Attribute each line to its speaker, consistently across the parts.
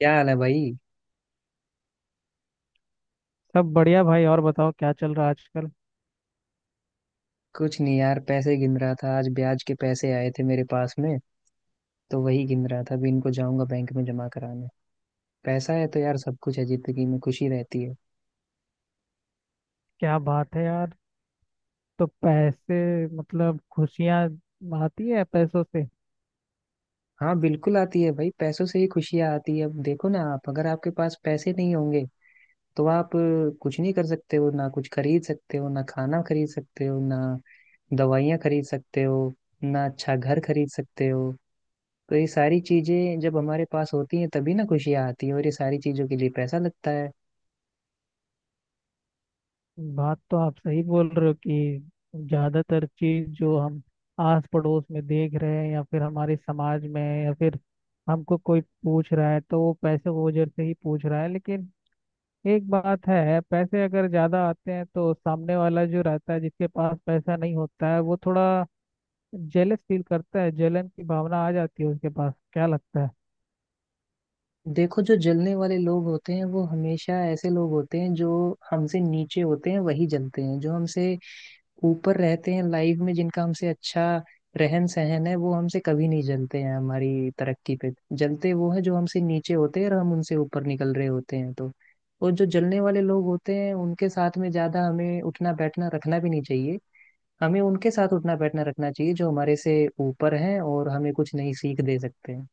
Speaker 1: क्या हाल है भाई।
Speaker 2: सब बढ़िया भाई। और बताओ क्या चल रहा है आजकल।
Speaker 1: कुछ नहीं यार, पैसे गिन रहा था, आज ब्याज के पैसे आए थे मेरे पास में, तो वही गिन रहा था। अभी इनको जाऊंगा बैंक में जमा कराने। पैसा है तो यार सब कुछ है, जिंदगी में खुशी रहती है।
Speaker 2: क्या बात है यार, तो पैसे मतलब खुशियां आती है पैसों से।
Speaker 1: हाँ बिल्कुल आती है भाई, पैसों से ही खुशियाँ आती है। अब देखो ना, आप अगर आपके पास पैसे नहीं होंगे तो आप कुछ नहीं कर सकते हो ना, कुछ खरीद सकते हो ना, खाना खरीद सकते हो ना, दवाइयाँ खरीद सकते हो ना, अच्छा घर खरीद सकते हो। तो ये सारी चीजें जब हमारे पास होती हैं तभी ना खुशियाँ आती है, और ये सारी चीजों के लिए पैसा लगता है।
Speaker 2: बात तो आप सही बोल रहे हो कि ज्यादातर चीज जो हम आस पड़ोस में देख रहे हैं या फिर हमारे समाज में, या फिर हमको कोई पूछ रहा है तो वो पैसे की वजह से ही पूछ रहा है। लेकिन एक बात है, पैसे अगर ज्यादा आते हैं तो सामने वाला जो रहता है जिसके पास पैसा नहीं होता है वो थोड़ा जेलस फील करता है, जलन की भावना आ जाती है उसके पास, क्या लगता है?
Speaker 1: देखो, जो जलने वाले लोग होते हैं वो हमेशा ऐसे लोग होते हैं जो हमसे नीचे होते हैं, वही जलते हैं। जो हमसे ऊपर रहते हैं लाइफ में, जिनका हमसे अच्छा रहन सहन है, वो हमसे कभी नहीं जलते हैं हमारी तरक्की पे। जलते वो हैं जो हमसे नीचे होते हैं और हम उनसे ऊपर निकल रहे होते हैं। तो और जो जलने वाले लोग होते हैं उनके साथ में ज्यादा हमें उठना बैठना रखना भी नहीं चाहिए। हमें उनके साथ उठना बैठना रखना चाहिए जो हमारे से ऊपर हैं और हमें कुछ नई सीख दे सकते हैं।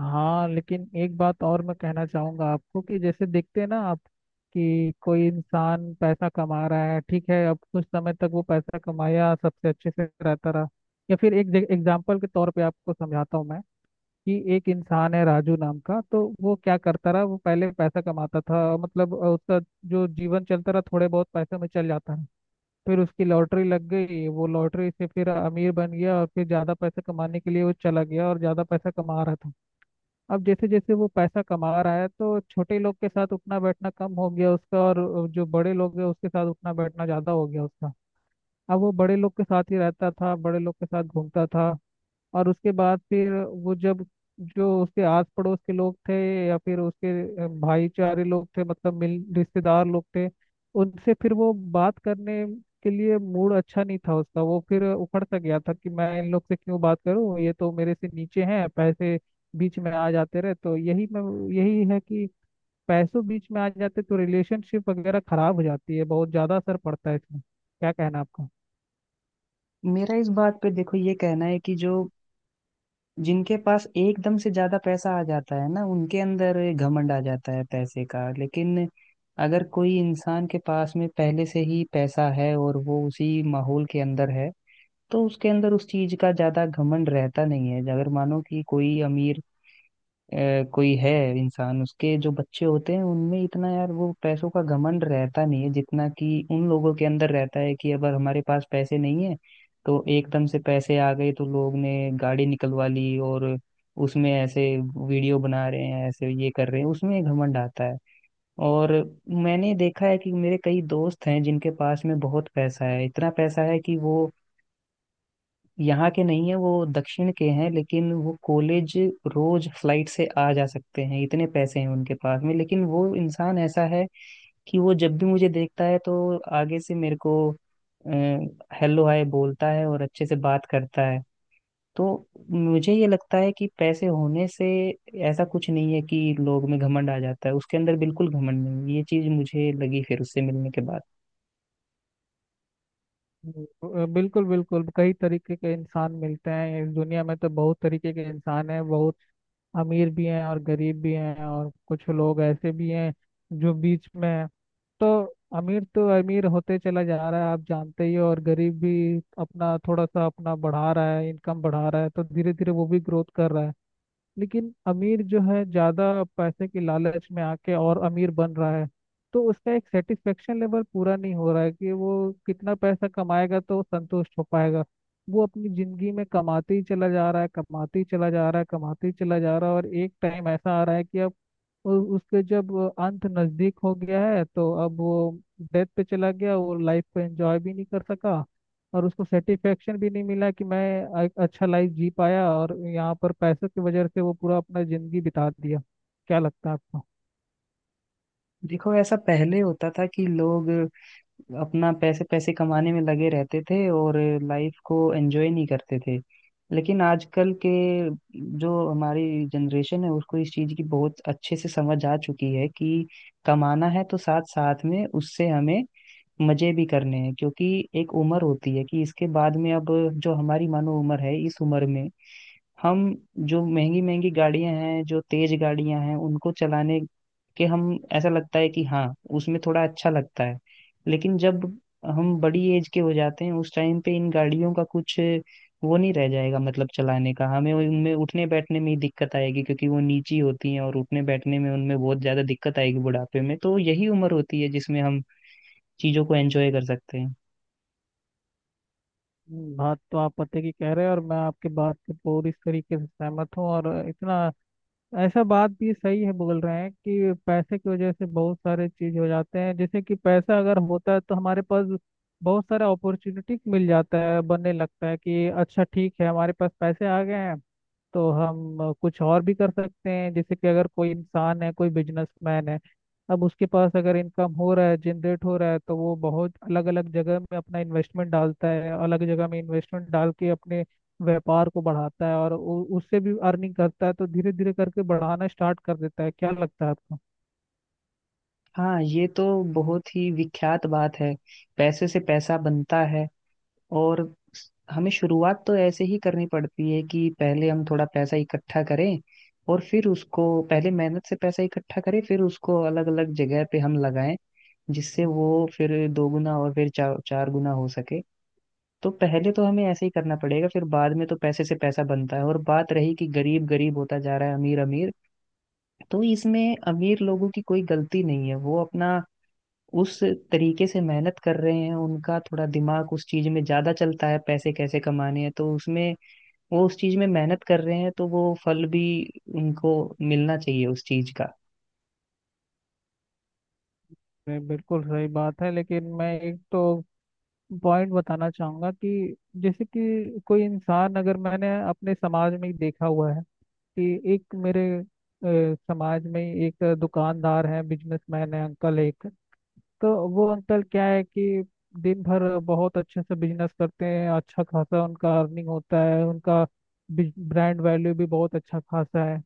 Speaker 2: हाँ, लेकिन एक बात और मैं कहना चाहूंगा आपको कि जैसे देखते हैं ना आप कि कोई इंसान पैसा कमा रहा है, ठीक है, अब कुछ समय तक वो पैसा कमाया सबसे अच्छे से रहता रहा। या फिर एक एग्जाम्पल के तौर पे आपको समझाता हूँ मैं कि एक इंसान है राजू नाम का, तो वो क्या करता रहा, वो पहले पैसा कमाता था, मतलब उसका जो जीवन चलता रहा थोड़े बहुत पैसे में चल जाता रहा। फिर उसकी लॉटरी लग गई, वो लॉटरी से फिर अमीर बन गया, और फिर ज़्यादा पैसा कमाने के लिए वो चला गया और ज़्यादा पैसा कमा रहा था। अब जैसे जैसे वो पैसा कमा रहा है तो छोटे लोग के साथ उठना बैठना कम हो गया उसका, और जो बड़े लोग हैं उसके साथ उठना बैठना ज़्यादा हो गया उसका। अब वो बड़े लोग के साथ ही रहता था, बड़े लोग के साथ घूमता था। और उसके बाद फिर वो जब, जो उसके आस पड़ोस के लोग थे या फिर उसके भाईचारे लोग थे, मतलब मिल रिश्तेदार लोग थे, उनसे फिर वो बात करने के लिए मूड अच्छा नहीं था उसका, वो फिर उखड़ सा गया था कि मैं इन लोग से क्यों बात करूं, ये तो मेरे से नीचे हैं। पैसे बीच में आ जाते रहे तो यही मैं, यही है कि पैसों बीच में आ जाते तो रिलेशनशिप वगैरह खराब हो जाती है, बहुत ज्यादा असर पड़ता है इसमें। क्या कहना आपका?
Speaker 1: मेरा इस बात पे देखो ये कहना है कि जो जिनके पास एकदम से ज्यादा पैसा आ जाता है ना, उनके अंदर घमंड आ जाता है पैसे का। लेकिन अगर कोई इंसान के पास में पहले से ही पैसा है और वो उसी माहौल के अंदर है तो उसके अंदर उस चीज का ज्यादा घमंड रहता नहीं है। अगर मानो कि कोई अमीर कोई है इंसान, उसके जो बच्चे होते हैं उनमें इतना यार वो पैसों का घमंड रहता नहीं है जितना कि उन लोगों के अंदर रहता है कि अगर हमारे पास पैसे नहीं है तो एकदम से पैसे आ गए तो लोग ने गाड़ी निकलवा ली और उसमें ऐसे वीडियो बना रहे हैं, ऐसे ये कर रहे हैं, उसमें घमंड आता है। और मैंने देखा है कि मेरे कई दोस्त हैं जिनके पास में बहुत पैसा है, इतना पैसा है कि वो यहाँ के नहीं है, वो दक्षिण के हैं, लेकिन वो कॉलेज रोज फ्लाइट से आ जा सकते हैं, इतने पैसे हैं उनके पास में। लेकिन वो इंसान ऐसा है कि वो जब भी मुझे देखता है तो आगे से मेरे को हेलो हाय बोलता है और अच्छे से बात करता है। तो मुझे ये लगता है कि पैसे होने से ऐसा कुछ नहीं है कि लोग में घमंड आ जाता है। उसके अंदर बिल्कुल घमंड नहीं, ये चीज मुझे लगी फिर उससे मिलने के बाद।
Speaker 2: बिल्कुल बिल्कुल, कई तरीके के इंसान मिलते हैं इस दुनिया में, तो बहुत तरीके के इंसान हैं, बहुत अमीर भी हैं और गरीब भी हैं, और कुछ लोग ऐसे भी हैं जो बीच में हैं। तो तो अमीर होते चला जा रहा है आप जानते ही हो, और गरीब भी अपना थोड़ा सा अपना बढ़ा रहा है, इनकम बढ़ा रहा है, तो धीरे धीरे वो भी ग्रोथ कर रहा है। लेकिन अमीर जो है ज्यादा पैसे के लालच में आके और अमीर बन रहा है, तो उसका एक सेटिस्फेक्शन लेवल पूरा नहीं हो रहा है कि वो कितना पैसा कमाएगा तो संतुष्ट हो पाएगा। वो अपनी जिंदगी में कमाते ही चला जा रहा है, कमाते ही चला जा रहा है, कमाते ही चला जा रहा है, और एक टाइम ऐसा आ रहा है कि अब उसके जब अंत नजदीक हो गया है तो अब वो डेथ पे चला गया, वो लाइफ को एंजॉय भी नहीं कर सका और उसको सेटिस्फेक्शन भी नहीं मिला कि मैं एक अच्छा लाइफ जी पाया, और यहाँ पर पैसों की वजह से वो पूरा अपना जिंदगी बिता दिया। क्या लगता है आपको?
Speaker 1: देखो ऐसा पहले होता था कि लोग अपना पैसे पैसे कमाने में लगे रहते थे और लाइफ को एंजॉय नहीं करते थे। लेकिन आजकल के जो हमारी जनरेशन है उसको इस चीज़ की बहुत अच्छे से समझ आ चुकी है कि कमाना है तो साथ साथ में उससे हमें मजे भी करने हैं। क्योंकि एक उम्र होती है कि इसके बाद में, अब जो हमारी मानो उम्र है इस उम्र में हम जो महंगी महंगी गाड़ियां हैं, जो तेज गाड़ियां हैं, उनको चलाने के हम, ऐसा लगता है कि हाँ उसमें थोड़ा अच्छा लगता है। लेकिन जब हम बड़ी एज के हो जाते हैं उस टाइम पे इन गाड़ियों का कुछ वो नहीं रह जाएगा, मतलब चलाने का, हमें उनमें उठने बैठने में ही दिक्कत आएगी क्योंकि वो नीची होती हैं और उठने बैठने में उनमें बहुत ज्यादा दिक्कत आएगी बुढ़ापे में। तो यही उम्र होती है जिसमें हम चीजों को एंजॉय कर सकते हैं।
Speaker 2: बात तो आप पते की कह रहे हैं, और मैं आपके बात से पूरी तरीके से सहमत हूँ। और इतना ऐसा बात भी सही है बोल रहे हैं कि पैसे की वजह से बहुत सारे चीज हो जाते हैं, जैसे कि पैसा अगर होता है तो हमारे पास बहुत सारा अपॉर्चुनिटी मिल जाता है, बनने लगता है कि अच्छा ठीक है हमारे पास पैसे आ गए हैं तो हम कुछ और भी कर सकते हैं। जैसे कि अगर कोई इंसान है, कोई बिजनेसमैन है, अब उसके पास अगर इनकम हो रहा है, जनरेट हो रहा है, तो वो बहुत अलग अलग जगह में अपना इन्वेस्टमेंट डालता है, अलग जगह में इन्वेस्टमेंट डाल के अपने व्यापार को बढ़ाता है और उससे भी अर्निंग करता है, तो धीरे धीरे करके बढ़ाना स्टार्ट कर देता है। क्या लगता है आपको?
Speaker 1: हाँ ये तो बहुत ही विख्यात बात है, पैसे से पैसा बनता है। और हमें शुरुआत तो ऐसे ही करनी पड़ती है कि पहले हम थोड़ा पैसा इकट्ठा करें, और फिर उसको पहले मेहनत से पैसा इकट्ठा करें फिर उसको अलग अलग जगह पे हम लगाएं, जिससे वो फिर दोगुना और फिर चार चार गुना हो सके। तो पहले तो हमें ऐसे ही करना पड़ेगा, फिर बाद में तो पैसे से पैसा बनता है। और बात रही कि गरीब गरीब होता जा रहा है अमीर अमीर, तो इसमें अमीर लोगों की कोई गलती नहीं है। वो अपना उस तरीके से मेहनत कर रहे हैं, उनका थोड़ा दिमाग उस चीज में ज्यादा चलता है पैसे कैसे कमाने हैं, तो उसमें वो उस चीज में मेहनत कर रहे हैं तो वो फल भी उनको मिलना चाहिए उस चीज का।
Speaker 2: ये बिल्कुल सही बात है, लेकिन मैं एक तो पॉइंट बताना चाहूंगा कि जैसे कि कोई इंसान, अगर मैंने अपने समाज में ही देखा हुआ है कि एक मेरे समाज में ही एक दुकानदार है, बिजनेसमैन है, अंकल एक, तो वो अंकल क्या है कि दिन भर बहुत अच्छे से बिजनेस करते हैं, अच्छा खासा उनका अर्निंग होता है, उनका ब्रांड वैल्यू भी बहुत अच्छा खासा है।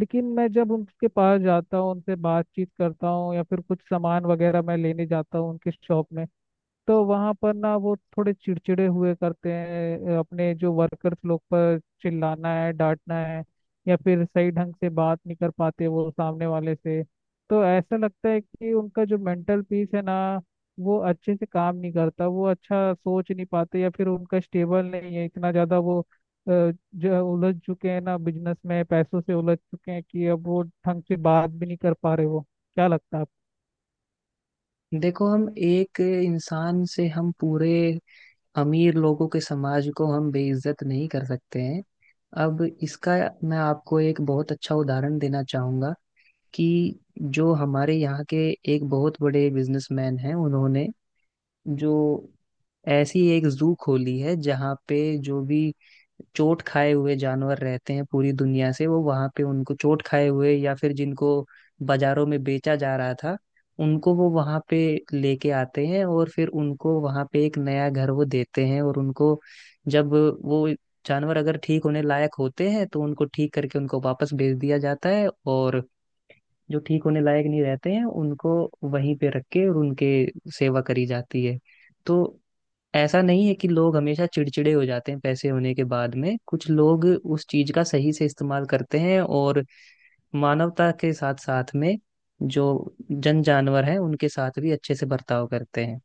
Speaker 2: लेकिन मैं जब उनके पास जाता हूँ, उनसे बातचीत करता हूँ या फिर कुछ सामान वगैरह मैं लेने जाता हूँ उनके शॉप में, तो वहां पर ना वो थोड़े चिड़चिड़े हुए करते हैं, अपने जो वर्कर्स लोग पर चिल्लाना है, डांटना है, या फिर सही ढंग से बात नहीं कर पाते वो सामने वाले से। तो ऐसा लगता है कि उनका जो मेंटल पीस है ना वो अच्छे से काम नहीं करता, वो अच्छा सोच नहीं पाते, या फिर उनका स्टेबल नहीं है इतना ज्यादा, वो जो उलझ चुके हैं ना, बिजनेस में पैसों से उलझ चुके हैं कि अब वो ढंग से बात भी नहीं कर पा रहे वो। क्या लगता है?
Speaker 1: देखो हम एक इंसान से हम पूरे अमीर लोगों के समाज को हम बेइज्जत नहीं कर सकते हैं। अब इसका मैं आपको एक बहुत अच्छा उदाहरण देना चाहूंगा कि जो हमारे यहाँ के एक बहुत बड़े बिजनेसमैन हैं, उन्होंने जो ऐसी एक जू खोली है जहाँ पे जो भी चोट खाए हुए जानवर रहते हैं पूरी दुनिया से, वो वहां पे उनको, चोट खाए हुए या फिर जिनको बाजारों में बेचा जा रहा था, उनको वो वहां पे लेके आते हैं और फिर उनको वहां पे एक नया घर वो देते हैं। और उनको जब वो जानवर अगर ठीक होने लायक होते हैं तो उनको ठीक करके उनको वापस भेज दिया जाता है, और जो ठीक होने लायक नहीं रहते हैं उनको वहीं पे रख के और उनके सेवा करी जाती है। तो ऐसा नहीं है कि लोग हमेशा चिड़चिड़े हो जाते हैं पैसे होने के बाद में, कुछ लोग उस चीज का सही से इस्तेमाल करते हैं और मानवता के साथ साथ में जो जन जानवर हैं उनके साथ भी अच्छे से बर्ताव करते हैं।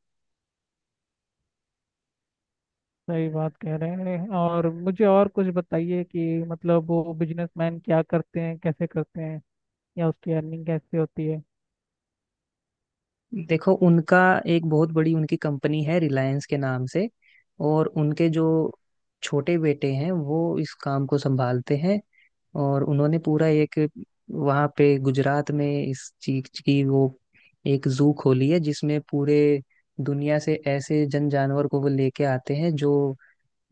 Speaker 2: सही बात कह रहे हैं। और मुझे और कुछ बताइए कि मतलब वो बिजनेसमैन क्या करते हैं, कैसे करते हैं, या उसकी अर्निंग कैसे होती है?
Speaker 1: देखो उनका एक बहुत बड़ी उनकी कंपनी है रिलायंस के नाम से, और उनके जो छोटे बेटे हैं वो इस काम को संभालते हैं। और उन्होंने पूरा एक वहाँ पे गुजरात में इस चीज की वो एक जू खोली है जिसमें पूरे दुनिया से ऐसे जन जानवर को वो लेके आते हैं जो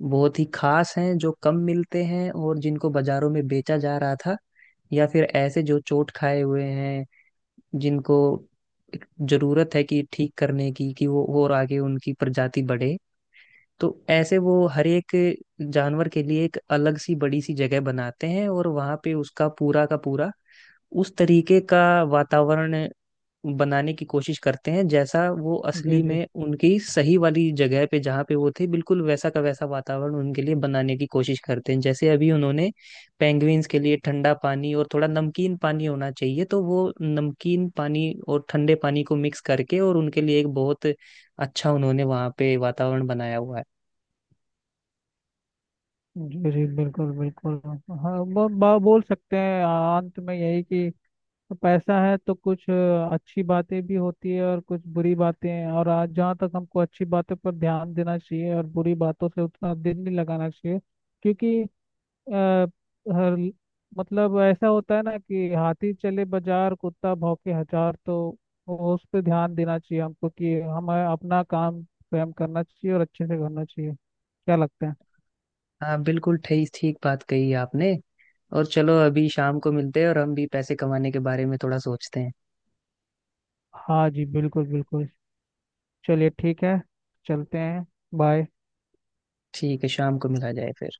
Speaker 1: बहुत ही खास हैं, जो कम मिलते हैं और जिनको बाजारों में बेचा जा रहा था, या फिर ऐसे जो चोट खाए हुए हैं जिनको जरूरत है कि ठीक करने की, कि वो और आगे उनकी प्रजाति बढ़े। तो ऐसे वो हर एक जानवर के लिए एक अलग सी बड़ी सी जगह बनाते हैं और वहां पे उसका पूरा का पूरा उस तरीके का वातावरण बनाने की कोशिश करते हैं जैसा वो
Speaker 2: जी
Speaker 1: असली
Speaker 2: जी।
Speaker 1: में उनकी सही वाली जगह पे जहाँ पे वो थे बिल्कुल वैसा का वैसा वातावरण उनके लिए बनाने की कोशिश करते हैं। जैसे अभी उन्होंने पेंगुइन्स के लिए ठंडा पानी और थोड़ा नमकीन पानी होना चाहिए तो वो नमकीन पानी और ठंडे पानी को मिक्स करके और उनके लिए एक बहुत अच्छा उन्होंने वहाँ पे वातावरण बनाया हुआ है।
Speaker 2: जी जी, बिल्कुल बिल्कुल। हाँ, ब, ब, बोल सकते हैं अंत में यही कि पैसा है तो कुछ अच्छी बातें भी होती है और कुछ बुरी बातें हैं, और आज जहाँ तक हमको अच्छी बातें पर ध्यान देना चाहिए और बुरी बातों से उतना दिल नहीं लगाना चाहिए। क्योंकि अ, हर, मतलब ऐसा होता है ना कि हाथी चले बाजार कुत्ता भौंके हजार, तो वो उस पे ध्यान देना चाहिए हमको कि हमें अपना काम स्वयं करना चाहिए और अच्छे से करना चाहिए। क्या लगता है?
Speaker 1: हाँ बिल्कुल ठीक ठीक बात कही आपने। और चलो अभी शाम को मिलते हैं और हम भी पैसे कमाने के बारे में थोड़ा सोचते हैं।
Speaker 2: हाँ जी, बिल्कुल बिल्कुल। चलिए ठीक है, चलते हैं। बाय।
Speaker 1: ठीक है शाम को मिला जाए फिर।